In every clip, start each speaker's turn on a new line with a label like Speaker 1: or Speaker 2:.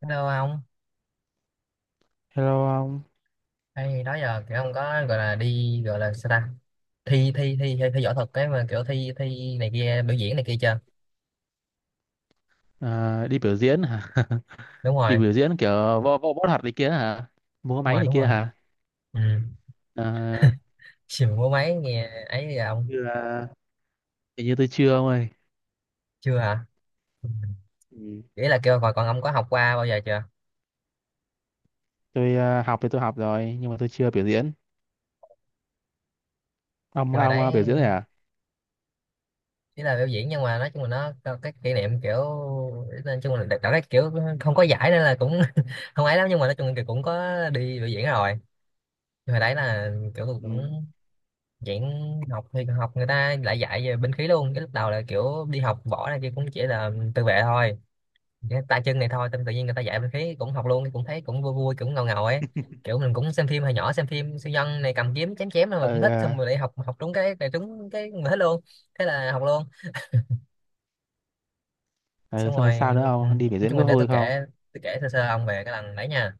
Speaker 1: Hello ông,
Speaker 2: Hello ông.
Speaker 1: hay đó giờ kiểu không có gọi là đi gọi là sao ta thi thi thi thi, thi võ thuật cái mà kiểu thi thi này kia biểu diễn này kia chưa?
Speaker 2: À, đi biểu diễn hả?
Speaker 1: Đúng
Speaker 2: Đi
Speaker 1: rồi,
Speaker 2: biểu diễn kiểu võ võ võ thuật này kia hả? Múa
Speaker 1: đúng
Speaker 2: máy
Speaker 1: rồi,
Speaker 2: này
Speaker 1: đúng
Speaker 2: kia
Speaker 1: rồi.
Speaker 2: hả?
Speaker 1: Ừ.
Speaker 2: À,
Speaker 1: Xìm mua máy nghe ấy giờ ông
Speaker 2: như là, hình như tôi chưa ông ơi.
Speaker 1: chưa hả? Ừ.
Speaker 2: Ừ.
Speaker 1: Ý là kêu còn còn ông có học qua bao giờ chưa?
Speaker 2: Tôi à, học thì tôi học rồi nhưng mà tôi chưa biểu diễn. Ông
Speaker 1: Kêu hồi
Speaker 2: ông à,
Speaker 1: đấy
Speaker 2: biểu diễn rồi à?
Speaker 1: chỉ là biểu diễn nhưng mà nói chung là nó có cái kỷ niệm kiểu nói chung là đặt đặt cái kiểu không có giải nên là cũng không ấy lắm nhưng mà nói chung là cũng có đi biểu diễn rồi. Nhưng hồi đấy là kiểu
Speaker 2: Ừ.
Speaker 1: cũng chuyện học thì học người ta lại dạy về binh khí luôn, cái lúc đầu là kiểu đi học võ này kia cũng chỉ là tự vệ thôi. Chỉ tay chân này thôi, tâm tự nhiên người ta dạy binh khí cũng học luôn, cũng thấy cũng vui vui cũng ngầu ngầu ấy, kiểu mình cũng xem phim hồi nhỏ, xem phim siêu nhân này cầm kiếm chém chém thôi mà
Speaker 2: Ờ,
Speaker 1: cũng thích, xong
Speaker 2: à,
Speaker 1: rồi lại học học đúng cái đúng cái mình thích luôn, thế là học luôn.
Speaker 2: ờ,
Speaker 1: Xong
Speaker 2: xong rồi
Speaker 1: rồi
Speaker 2: sao nữa ông? Đi biểu
Speaker 1: nói
Speaker 2: diễn
Speaker 1: chung là
Speaker 2: có
Speaker 1: để
Speaker 2: vui
Speaker 1: tôi
Speaker 2: không?
Speaker 1: kể, tôi kể sơ sơ ông về cái lần đấy nha.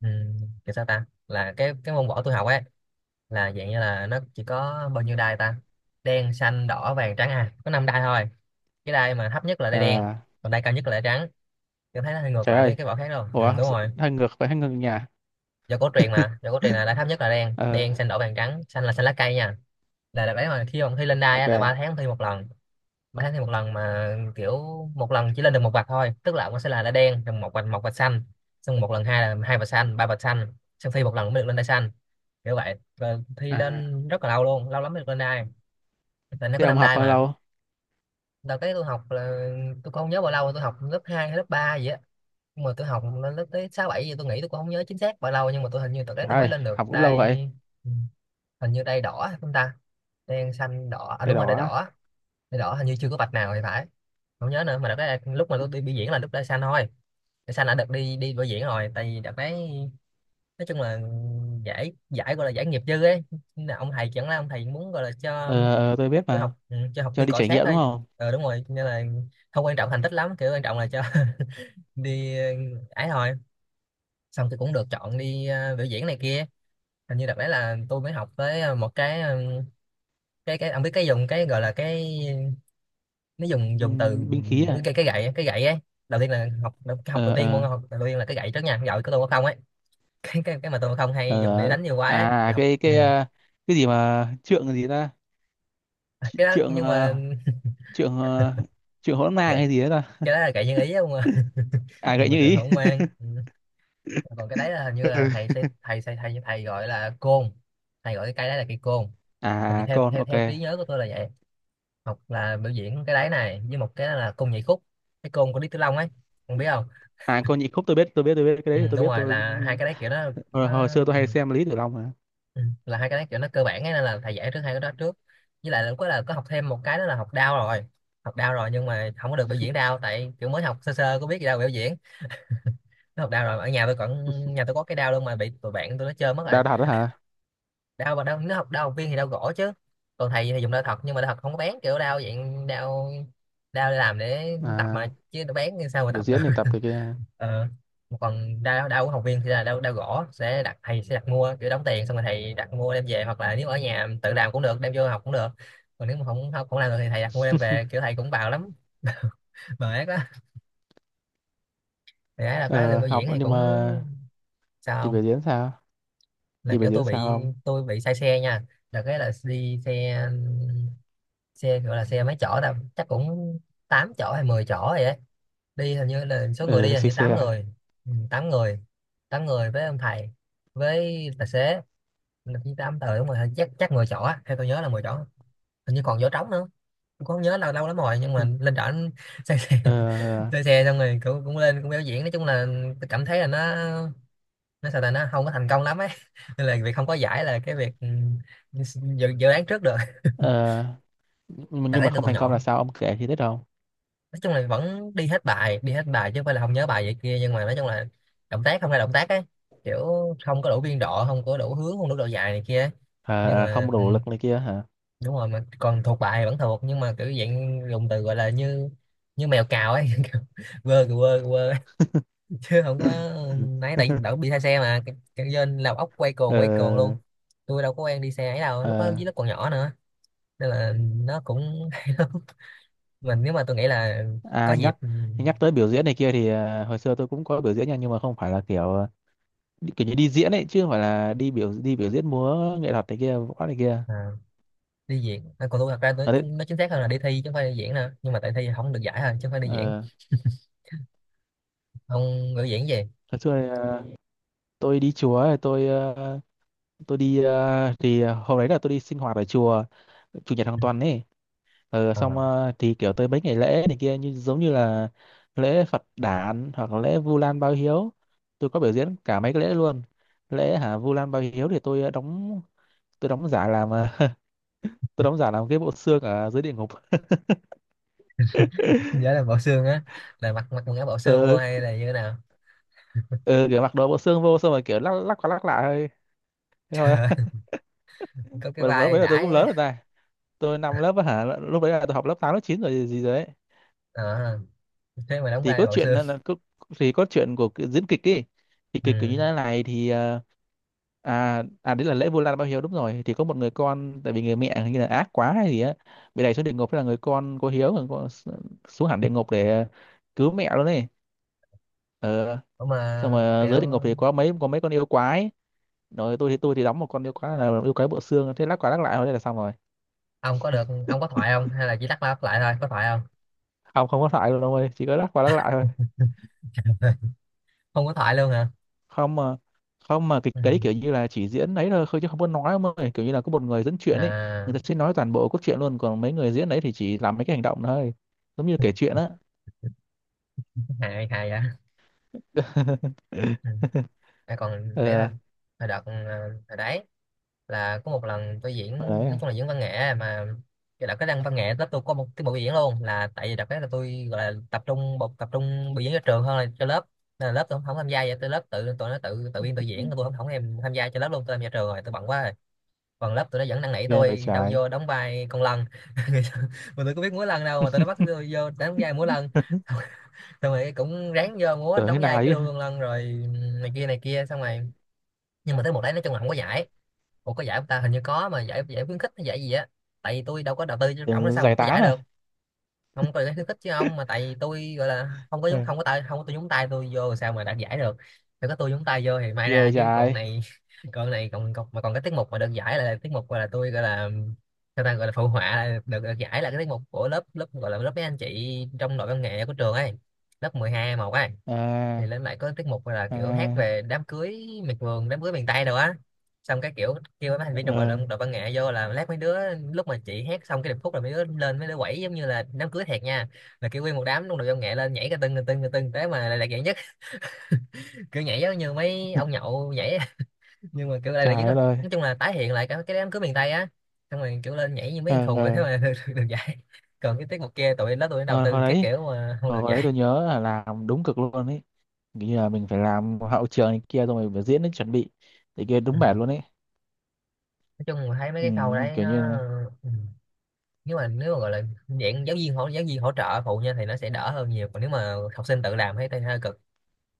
Speaker 1: Ừ. Kiểu sao ta, là cái môn võ tôi học ấy, là dạng như là nó chỉ có bao nhiêu đai ta, đen xanh đỏ vàng trắng, à có năm đai thôi. Cái đai mà thấp nhất là đai đen,
Speaker 2: Ờ,
Speaker 1: còn đai cao nhất là đai trắng. Tôi thấy nó hơi ngược
Speaker 2: trời
Speaker 1: lại với
Speaker 2: ơi.
Speaker 1: cái vỏ khác đâu, ừ,
Speaker 2: Ủa,
Speaker 1: đúng rồi,
Speaker 2: hơi ngược, phải, hơi ngược nhà.
Speaker 1: do cổ truyền mà, do cổ truyền là đai thấp nhất là đen,
Speaker 2: Ờ,
Speaker 1: đen xanh đỏ vàng trắng, xanh là xanh lá cây nha. Là đấy, mà khi ông thi lên đai á,
Speaker 2: ok.
Speaker 1: là ba tháng thi một lần, ba tháng thi một lần mà kiểu một lần chỉ lên được một vạch thôi, tức là ông sẽ là đai đen rồi một vạch, một vạch xanh, xong một lần hai là hai vạch xanh, ba vạch xanh, xong thi một lần mới được lên đai xanh, kiểu vậy. Rồi thi
Speaker 2: À,
Speaker 1: lên rất là lâu luôn, lâu lắm mới được lên đai, tại nó
Speaker 2: thế
Speaker 1: có
Speaker 2: ông
Speaker 1: năm
Speaker 2: học
Speaker 1: đai
Speaker 2: bao
Speaker 1: mà.
Speaker 2: lâu?
Speaker 1: Đợt cái tôi học là tôi cũng không nhớ bao lâu, tôi học lớp 2 hay lớp 3 gì á, nhưng mà tôi học lên lớp tới 6 7 gì, tôi nghĩ tôi cũng không nhớ chính xác bao lâu, nhưng mà tôi hình như đợt đấy
Speaker 2: Trời
Speaker 1: tôi mới
Speaker 2: ơi,
Speaker 1: lên được
Speaker 2: học cũng lâu
Speaker 1: đai.
Speaker 2: vậy.
Speaker 1: Ừ, hình như đai đỏ chúng ta, đen xanh đỏ, à
Speaker 2: Tay
Speaker 1: đúng rồi đai
Speaker 2: đỏ.
Speaker 1: đỏ, đai đỏ hình như chưa có vạch nào thì phải, không nhớ nữa. Mà đợt đấy lúc mà tôi đi biểu diễn là lúc đai xanh thôi, đai xanh đã được đi đi biểu diễn rồi, tại vì đợt đấy nói chung là giải, giải gọi là giải nghiệp dư ấy. Nên là ông thầy chẳng là ông thầy muốn gọi là cho
Speaker 2: Ờ, ờ, tôi biết
Speaker 1: kiểu
Speaker 2: mà.
Speaker 1: học, ừ, cho học
Speaker 2: Cho
Speaker 1: viên
Speaker 2: đi
Speaker 1: cọ
Speaker 2: trải
Speaker 1: sát
Speaker 2: nghiệm đúng
Speaker 1: thôi.
Speaker 2: không?
Speaker 1: Ờ đúng rồi, nên là không quan trọng thành tích lắm, kiểu quan trọng là cho đi, ờ, ấy thôi. Xong thì cũng được chọn đi, ờ, biểu diễn này kia. Hình như đợt đấy là tôi mới học tới một cái, cái ông biết cái dùng cái gọi là cái, nó dùng dùng từ
Speaker 2: Binh khí à.
Speaker 1: cái gậy, cái gậy ấy. Đầu tiên là học, học đầu
Speaker 2: Ờ,
Speaker 1: tiên môn
Speaker 2: ờ,
Speaker 1: học đầu tiên là cái gậy trước nha, cái gậy của tôi có không ấy. Cái cái mà tôi không
Speaker 2: ờ,
Speaker 1: hay dùng để
Speaker 2: ờ.
Speaker 1: đánh nhiều quá ấy,
Speaker 2: À,
Speaker 1: là học.
Speaker 2: cái
Speaker 1: Ừ.
Speaker 2: cái ờ, cái gì mà trượng gì ta.
Speaker 1: À, cái đó
Speaker 2: trượng
Speaker 1: nhưng mà
Speaker 2: ờ, trượng ờ, trượng hỗn mang
Speaker 1: gậy-
Speaker 2: hay gì đấy ta?
Speaker 1: cái đó là gậy nhân ý không à.
Speaker 2: À, gậy
Speaker 1: Nhưng mà
Speaker 2: như
Speaker 1: trường
Speaker 2: ý.
Speaker 1: không ngoan. Ừ. Còn cái đấy là hình như là
Speaker 2: Ừ.
Speaker 1: thầy sẽ thầy sẽ thầy thầy gọi là côn, thầy gọi cái cây đấy là cây côn. Hình như
Speaker 2: À,
Speaker 1: theo
Speaker 2: con,
Speaker 1: theo
Speaker 2: ok.
Speaker 1: theo trí nhớ của tôi là vậy. Học là biểu diễn cái đấy này với một cái là côn nhảy khúc, cái côn của Lý Tử Long ấy, không biết không.
Speaker 2: À, con nhị khúc tôi biết, tôi biết, tôi biết cái
Speaker 1: Ừ,
Speaker 2: đấy thì tôi
Speaker 1: đúng
Speaker 2: biết
Speaker 1: rồi,
Speaker 2: tôi.
Speaker 1: là hai cái đấy kiểu nó,
Speaker 2: hồi,
Speaker 1: nó
Speaker 2: hồi xưa tôi
Speaker 1: ừ,
Speaker 2: hay xem Lý Tử Long mà.
Speaker 1: ừ, là hai cái đấy kiểu nó cơ bản ấy, nên là thầy dạy trước hai cái đó trước. Với lại là lúc đó là có học thêm một cái đó là học đao rồi, học đao rồi nhưng mà không có được biểu diễn đao, tại kiểu mới học sơ sơ có biết gì đâu biểu diễn. Nó học đao rồi ở nhà tôi còn, nhà tôi có cái đao luôn mà bị tụi bạn tôi nó chơi mất rồi.
Speaker 2: Đào thật đó hả?
Speaker 1: Đau mà đau nếu học đau học viên thì đau gỗ chứ, còn thầy thì dùng đau thật, nhưng mà đau thật không có bén, kiểu đau dạng đau, đau để làm để tập mà,
Speaker 2: À,
Speaker 1: chứ đau bén thì sao mà
Speaker 2: biểu
Speaker 1: tập được.
Speaker 2: diễn thì tập cái kia.
Speaker 1: Ờ. Còn đau đau của học viên thì là đau đau gỗ, sẽ đặt, thầy sẽ đặt mua, kiểu đóng tiền xong rồi thầy đặt mua đem về, hoặc là nếu ở nhà tự làm cũng được đem vô học cũng được. Còn nếu mà không không, không làm được thì thầy đặt mua đem về, kiểu thầy cũng bào lắm. Bờ ác đó. Thầy ấy là cái lên
Speaker 2: Ờ,
Speaker 1: biểu
Speaker 2: học
Speaker 1: diễn thì
Speaker 2: nhưng
Speaker 1: cũng
Speaker 2: mà đi
Speaker 1: sao
Speaker 2: biểu
Speaker 1: không?
Speaker 2: diễn sao
Speaker 1: Là
Speaker 2: đi biểu
Speaker 1: kiểu
Speaker 2: diễn sao không?
Speaker 1: tôi bị say xe nha. Là cái là đi xe, xe gọi là xe mấy chỗ ta, chắc cũng 8 chỗ hay 10 chỗ vậy á. Đi hình như là số người đi
Speaker 2: Ừ.
Speaker 1: là
Speaker 2: Xích
Speaker 1: như 8
Speaker 2: xe.
Speaker 1: người, ừ, 8 người, 8 người với ông thầy, với tài xế là chỉ 8 tờ, đúng rồi chắc, chắc 10 chỗ á, theo tôi nhớ là mười chỗ, hình như còn chỗ trống nữa, tôi cũng không nhớ, lâu lâu lắm rồi. Nhưng mà
Speaker 2: Ừ.
Speaker 1: lên trển xe xe,
Speaker 2: Ờ,
Speaker 1: xe xong rồi cũng, cũng lên cũng biểu diễn. Nói chung là tôi cảm thấy là nó sao ta, nó không có thành công lắm ấy. Nên là việc không có giải là cái việc, ừ, dự đoán trước được.
Speaker 2: ờ. nhưng mà
Speaker 1: Là
Speaker 2: nhưng
Speaker 1: đấy,
Speaker 2: mà
Speaker 1: tôi
Speaker 2: không
Speaker 1: còn
Speaker 2: thành công là
Speaker 1: nhỏ,
Speaker 2: sao ông kể thì biết không?
Speaker 1: nói chung là vẫn đi hết bài, đi hết bài chứ không phải là không nhớ bài vậy kia, nhưng mà nói chung là động tác không ra động tác ấy, kiểu không có đủ biên độ, không có đủ hướng, không đủ độ dài này kia ấy.
Speaker 2: À,
Speaker 1: Nhưng
Speaker 2: à, không
Speaker 1: mà ừ,
Speaker 2: đủ lực này kia hả?
Speaker 1: đúng rồi, mà còn thuộc bài vẫn thuộc, nhưng mà kiểu dạng dùng từ gọi là như, như mèo cào ấy. Kiểu quơ kìa, quơ kìa, quơ ấy. Chứ không có nãy, tại vì đỡ bị say xe mà, cái dân làm ốc quay cuồng luôn,
Speaker 2: Ờ,
Speaker 1: tôi đâu có quen đi xe ấy đâu, lúc đó
Speaker 2: ờ,
Speaker 1: dưới lớp còn nhỏ nữa, nên là nó cũng hay lắm. Mình nếu mà tôi nghĩ là có
Speaker 2: à,
Speaker 1: dịp,
Speaker 2: nhắc
Speaker 1: ừ,
Speaker 2: nhắc tới biểu diễn này kia thì, à, hồi xưa tôi cũng có biểu diễn nha, nhưng mà không phải là kiểu, à, kiểu như đi diễn ấy, chứ không phải là đi biểu diễn múa nghệ thuật này kia, võ này kia.
Speaker 1: à, đi diễn à, còn tôi thật ra tôi,
Speaker 2: Ở đấy.
Speaker 1: chúng nó chính xác hơn là đi thi chứ không phải đi diễn nữa, nhưng mà tại thi không được giải thôi chứ không phải đi diễn
Speaker 2: Ờ,
Speaker 1: ông, ngữ diễn gì.
Speaker 2: hồi xưa thì, à, tôi đi chùa ấy, tôi à, tôi đi à, thì à, hôm đấy là tôi đi sinh hoạt ở chùa chủ nhật hàng tuần ấy. Ờ,
Speaker 1: Ờ.
Speaker 2: xong, ờ, thì kiểu tới mấy ngày lễ này kia, như giống như là lễ Phật Đản hoặc là lễ Vu Lan báo hiếu, tôi có biểu diễn cả mấy cái lễ luôn. Lễ hả, Vu Lan báo hiếu thì tôi đóng giả làm, ờ, tôi đóng giả làm cái bộ xương ở dưới địa ngục.
Speaker 1: Nhớ là bộ xương á, là mặc mặc quần áo bộ xương vô
Speaker 2: Ờ,
Speaker 1: hay là như thế nào.
Speaker 2: ờ, kiểu mặc đồ bộ xương vô xong rồi kiểu lắc, lắc qua lắc lại thôi, thế
Speaker 1: Trời
Speaker 2: thôi.
Speaker 1: ơi, có cái
Speaker 2: Mà lúc
Speaker 1: vai
Speaker 2: đấy là tôi cũng
Speaker 1: đãi
Speaker 2: lớn
Speaker 1: á.
Speaker 2: rồi ta, tôi năm lớp á hả, lúc đấy là tôi học lớp 8 lớp 9 rồi, gì gì rồi đấy.
Speaker 1: Ờ, thế mà đóng
Speaker 2: Thì
Speaker 1: vai
Speaker 2: cốt
Speaker 1: bộ
Speaker 2: truyện
Speaker 1: xương.
Speaker 2: thì cốt truyện của cái diễn kịch ấy, thì kịch kiểu
Speaker 1: Ừ.
Speaker 2: như thế này thì, ờ, à, à, đấy là lễ Vu Lan báo hiếu đúng rồi, thì có một người con, tại vì người mẹ hình như là ác quá hay gì á, bị đẩy xuống địa ngục, thế là người con có hiếu, người con xuống hẳn địa ngục để cứu mẹ luôn ấy. Ờ,
Speaker 1: Ủa mà
Speaker 2: xong mà dưới
Speaker 1: kiểu
Speaker 2: địa ngục thì có mấy con yêu quái, rồi tôi thì đóng một con yêu quái, là yêu quái bộ xương, thế lắc qua lắc lại thôi, thế là xong rồi.
Speaker 1: ông có được, ông có thoại không hay là chỉ lắc qua lắc lại thôi, có thoại không?
Speaker 2: Không, không có thoại luôn ông ơi, chỉ có lắc qua lắc lại thôi.
Speaker 1: Không có thoại luôn hả?
Speaker 2: Không mà không mà kịch
Speaker 1: Ừ.
Speaker 2: đấy kiểu như là chỉ diễn đấy thôi chứ không có nói ông ơi, kiểu như là có một người dẫn chuyện ấy,
Speaker 1: À
Speaker 2: người ta sẽ nói toàn bộ cốt truyện luôn, còn mấy người diễn đấy thì chỉ làm mấy cái hành động thôi, giống như kể chuyện á.
Speaker 1: hài hài vậy. Ừ. À, còn để là
Speaker 2: Ờ,
Speaker 1: hồi đợt hồi đấy là có một lần tôi diễn,
Speaker 2: mà đấy
Speaker 1: nói
Speaker 2: à.
Speaker 1: chung là diễn văn nghệ mà. Cái đợt cái đăng văn nghệ lớp tôi có một tiết mục biểu diễn luôn, là tại vì đợt cái là tôi gọi là tập trung tập trung biểu diễn cho trường hơn là cho lớp, nên là lớp tôi không tham gia. Vậy tôi lớp tự tụi nó tự tự biên tự diễn,
Speaker 2: Ừ,
Speaker 1: tôi không không em tham gia cho lớp luôn, tôi tham gia trường rồi tôi bận quá rồi. Còn lớp tụi nó vẫn năn nỉ
Speaker 2: ghê vậy
Speaker 1: tôi đâu
Speaker 2: trái.
Speaker 1: vô đóng vai con lân. Mà tôi có biết múa lân đâu mà tụi nó bắt tôi vô đóng vai múa lân. Xong rồi cũng ráng vô múa
Speaker 2: Tưởng thế
Speaker 1: đóng vai
Speaker 2: nào
Speaker 1: cái
Speaker 2: chứ,
Speaker 1: đuôi con lân rồi này kia này kia, xong rồi nhưng mà tới một đấy nói chung là không có giải. Ủa có giải không ta, hình như có mà giải, giải khuyến khích hay giải gì á, tại vì tôi đâu có đầu tư cho trọng nó
Speaker 2: tưởng
Speaker 1: sao mà
Speaker 2: giải
Speaker 1: có
Speaker 2: tán
Speaker 1: giải được.
Speaker 2: à.
Speaker 1: Không, có giải khuyến khích chứ ông, mà tại vì tôi gọi là không có nhúng,
Speaker 2: Ừ,
Speaker 1: không có tay, không có tôi nhúng tay tôi vô sao mà đạt giải được. Nếu có tôi nhúng tay vô thì may
Speaker 2: ghê
Speaker 1: ra,
Speaker 2: vậy
Speaker 1: chứ còn
Speaker 2: trái.
Speaker 1: này còn này, còn cái tiết mục mà được giải là tiết mục gọi là tôi gọi là, sao ta, gọi là phụ họa là được giải, là cái tiết mục của lớp, lớp gọi là lớp mấy anh chị trong đội văn nghệ của trường ấy, lớp 12 một ấy. Thì
Speaker 2: À,
Speaker 1: lên lại có tiết mục là kiểu hát
Speaker 2: à,
Speaker 1: về đám cưới miệt vườn, đám cưới miền Tây rồi á. Xong cái kiểu kêu mấy thành viên trong đội,
Speaker 2: ờ.
Speaker 1: đội văn nghệ vô, là lát mấy đứa lúc mà chị hát xong cái điệp khúc là mấy đứa lên, mấy đứa quẩy giống như là đám cưới thiệt nha, là kêu nguyên một đám trong đội văn nghệ lên nhảy cái tưng cái tưng cái tưng tới mà lại lạc dạng nhất. Kiểu nhảy giống như mấy ông nhậu nhảy. Nhưng mà kiểu lại là nhất
Speaker 2: Trời
Speaker 1: thôi.
Speaker 2: đất ơi.
Speaker 1: Nói chung là tái hiện lại cái đám cưới miền Tây á, xong rồi kiểu lên nhảy như mấy thằng
Speaker 2: Ờ,
Speaker 1: khùng vậy, thế
Speaker 2: ờ,
Speaker 1: mà được giải. Còn cái tiết mục kia tụi nó đầu
Speaker 2: hồi, hồi
Speaker 1: tư cái
Speaker 2: đấy
Speaker 1: kiểu mà không được
Speaker 2: hồi đấy
Speaker 1: giải.
Speaker 2: tôi nhớ là làm đúng cực luôn ấy. Kiểu như là mình phải làm hậu trường này kia, xong rồi mình phải diễn đến chuẩn bị, thì kia
Speaker 1: Ừ.
Speaker 2: đúng mệt luôn ấy.
Speaker 1: Nói chung là thấy mấy
Speaker 2: Ừ,
Speaker 1: cái khâu đấy
Speaker 2: kiểu
Speaker 1: nó,
Speaker 2: như là,
Speaker 1: ừ, nếu mà gọi là dạng giáo viên hỗ trợ phụ nha thì nó sẽ đỡ hơn nhiều, còn nếu mà học sinh tự làm thấy thấy hơi cực.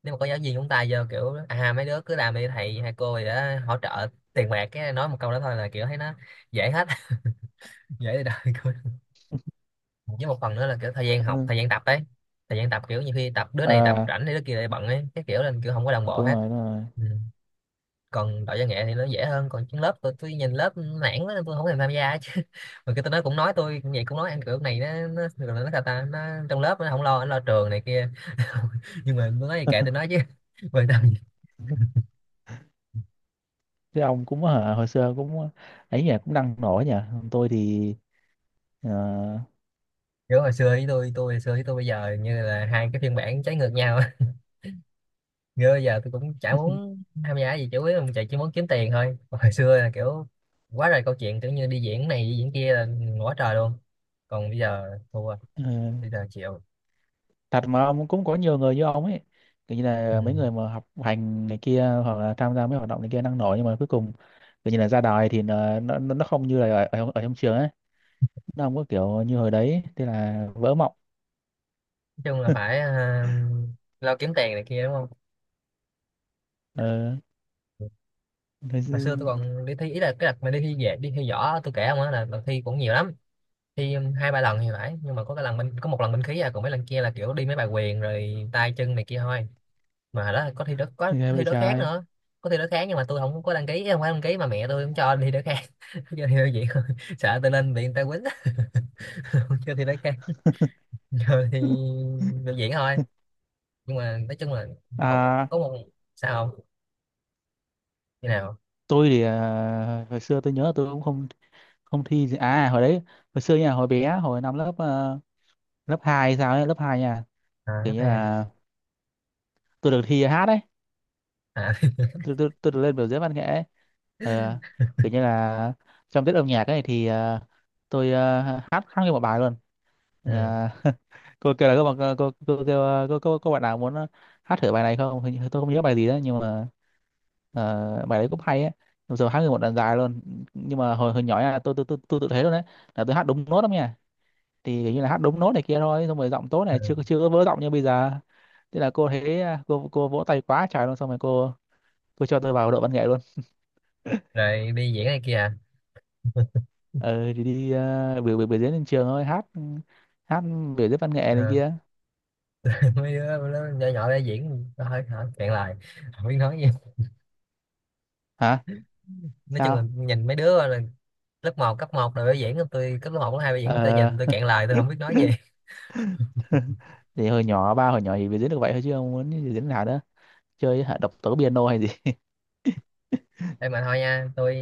Speaker 1: Nếu mà có giáo viên chúng ta vô kiểu à mấy đứa cứ làm đi, thầy hay cô gì đó hỗ trợ tiền bạc, cái nói một câu đó thôi là kiểu thấy nó dễ hết. Dễ đời, cười. Với một phần nữa là kiểu thời gian học, thời gian tập ấy, thời gian tập kiểu nhiều khi tập đứa này tập
Speaker 2: à,
Speaker 1: rảnh thì đứa kia lại bận ấy, cái kiểu là kiểu không có đồng bộ
Speaker 2: đúng
Speaker 1: hết.
Speaker 2: rồi, đúng rồi.
Speaker 1: Ừ. Còn đội văn nghệ thì nó dễ hơn, còn trên lớp tôi nhìn lớp nản quá nên tôi không thèm tham gia chứ. Mà cái tôi nói cũng nói, tôi cũng vậy cũng nói ăn kiểu này nó rồi nó sao ta nó, trong lớp nó không lo nó lo trường này kia. Nhưng mà tôi nói thì kệ tôi nói chứ. Quan tâm gì.
Speaker 2: Thế ông cũng hả, hồi xưa cũng ấy nhỉ, cũng đang nổi nhỉ. Còn tôi thì, ờ,
Speaker 1: Kiểu hồi xưa với tôi hồi xưa với tôi bây giờ như là hai cái phiên bản trái ngược nhau. Như bây giờ tôi cũng chả muốn tham gia gì, chủ yếu là chạy chỉ muốn kiếm tiền thôi. Còn hồi xưa là kiểu quá trời câu chuyện, kiểu như đi diễn này đi diễn kia là quá trời luôn. Còn bây giờ thua,
Speaker 2: ờ,
Speaker 1: bây giờ chịu.
Speaker 2: thật mà ông, cũng có nhiều người như ông ấy, kiểu như
Speaker 1: Ừ,
Speaker 2: là mấy người mà học hành này kia hoặc là tham gia mấy hoạt động này kia đang nổi nhưng mà cuối cùng, kiểu như là ra đời thì nó không như là ở trong trường ấy, nó không có kiểu như hồi đấy, thế là vỡ mộng.
Speaker 1: chung là phải, à, lo kiếm tiền này kia đúng không.
Speaker 2: Ờ, thế.
Speaker 1: Hồi xưa tôi còn đi thi, ý là cái đợt mà đi thi về đi thi võ tôi kể không á, là thi cũng nhiều lắm, thi hai ba lần thì phải, nhưng mà có cái lần bên, có một lần bên khí à, còn mấy lần kia là kiểu đi mấy bài quyền rồi tay chân này kia thôi. Mà hồi đó có
Speaker 2: Ghê
Speaker 1: thi
Speaker 2: vậy
Speaker 1: đối kháng
Speaker 2: trời.
Speaker 1: nữa. Có thi đối kháng nhưng mà tôi không có đăng ký, không phải đăng ký mà mẹ tôi cũng cho đi đối kháng, cho thi đối diện thôi, sợ tôi lên bị người ta quýnh, không cho thi đối kháng, rồi thì biểu diễn thôi. Nhưng mà nói chung là học
Speaker 2: À,
Speaker 1: có một, sao không, như nào.
Speaker 2: tôi thì, à, hồi xưa tôi nhớ là tôi cũng không không thi gì. À, hồi đấy, hồi xưa nha, hồi bé, hồi năm lớp, ờ, lớp hai hay sao ấy, lớp 2 nha.
Speaker 1: À,
Speaker 2: Kiểu
Speaker 1: lớp
Speaker 2: như
Speaker 1: hai.
Speaker 2: là tôi được thi hát đấy.
Speaker 1: À.
Speaker 2: Tôi được lên biểu diễn văn nghệ ấy. Ờ, kiểu như là trong tiết âm nhạc ấy thì, ờ, tôi, ờ, hát hát nguyên một bài luôn.
Speaker 1: Ừ.
Speaker 2: Ờ, cô kêu là cô kêu ờ, cô bạn nào muốn, ờ, hát thử bài này không? Hình như tôi không nhớ bài gì đó nhưng mà, ờ, bài đấy cũng hay ấy, bây giờ hát nguyên một đoạn dài luôn. Nhưng mà hồi hồi nhỏ nha, tôi tự thấy luôn đấy là tôi hát đúng nốt lắm nha, thì kiểu như là hát đúng nốt này kia thôi, xong rồi giọng tốt này, chưa
Speaker 1: Ừ,
Speaker 2: chưa có vỡ giọng như bây giờ. Thế là cô thấy à, cô vỗ tay quá trời luôn, xong rồi cô cho tôi vào đội văn nghệ luôn.
Speaker 1: rồi đi diễn này kia à.
Speaker 2: Ờ, thì đi, biểu biểu biểu diễn trên trường thôi, hát, hát, biểu diễn văn nghệ này
Speaker 1: Ờ,
Speaker 2: kia.
Speaker 1: mấy đứa nó nhỏ nhỏ để diễn nó hơi hả cạn lời, không biết nói gì.
Speaker 2: Hả
Speaker 1: Nói chung
Speaker 2: sao?
Speaker 1: là nhìn mấy đứa là lớp một cấp một rồi biểu diễn, tôi cấp lớp 1, lớp 2 biểu diễn tôi
Speaker 2: Ờ.
Speaker 1: nhìn tôi cạn lời, tôi không biết nói gì.
Speaker 2: Thì hồi nhỏ, ba hồi nhỏ thì biểu diễn được vậy thôi chứ không muốn biểu diễn nào nữa. Chơi hả, độc tấu piano hay gì?
Speaker 1: Ê mà thôi nha, tôi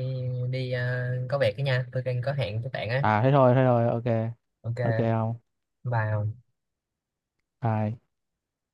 Speaker 1: đi có việc đó nha, tôi đang có hẹn với bạn á.
Speaker 2: À, thế thôi, thế thôi, ok. Ok,
Speaker 1: Ok,
Speaker 2: không.
Speaker 1: bye.
Speaker 2: Bye.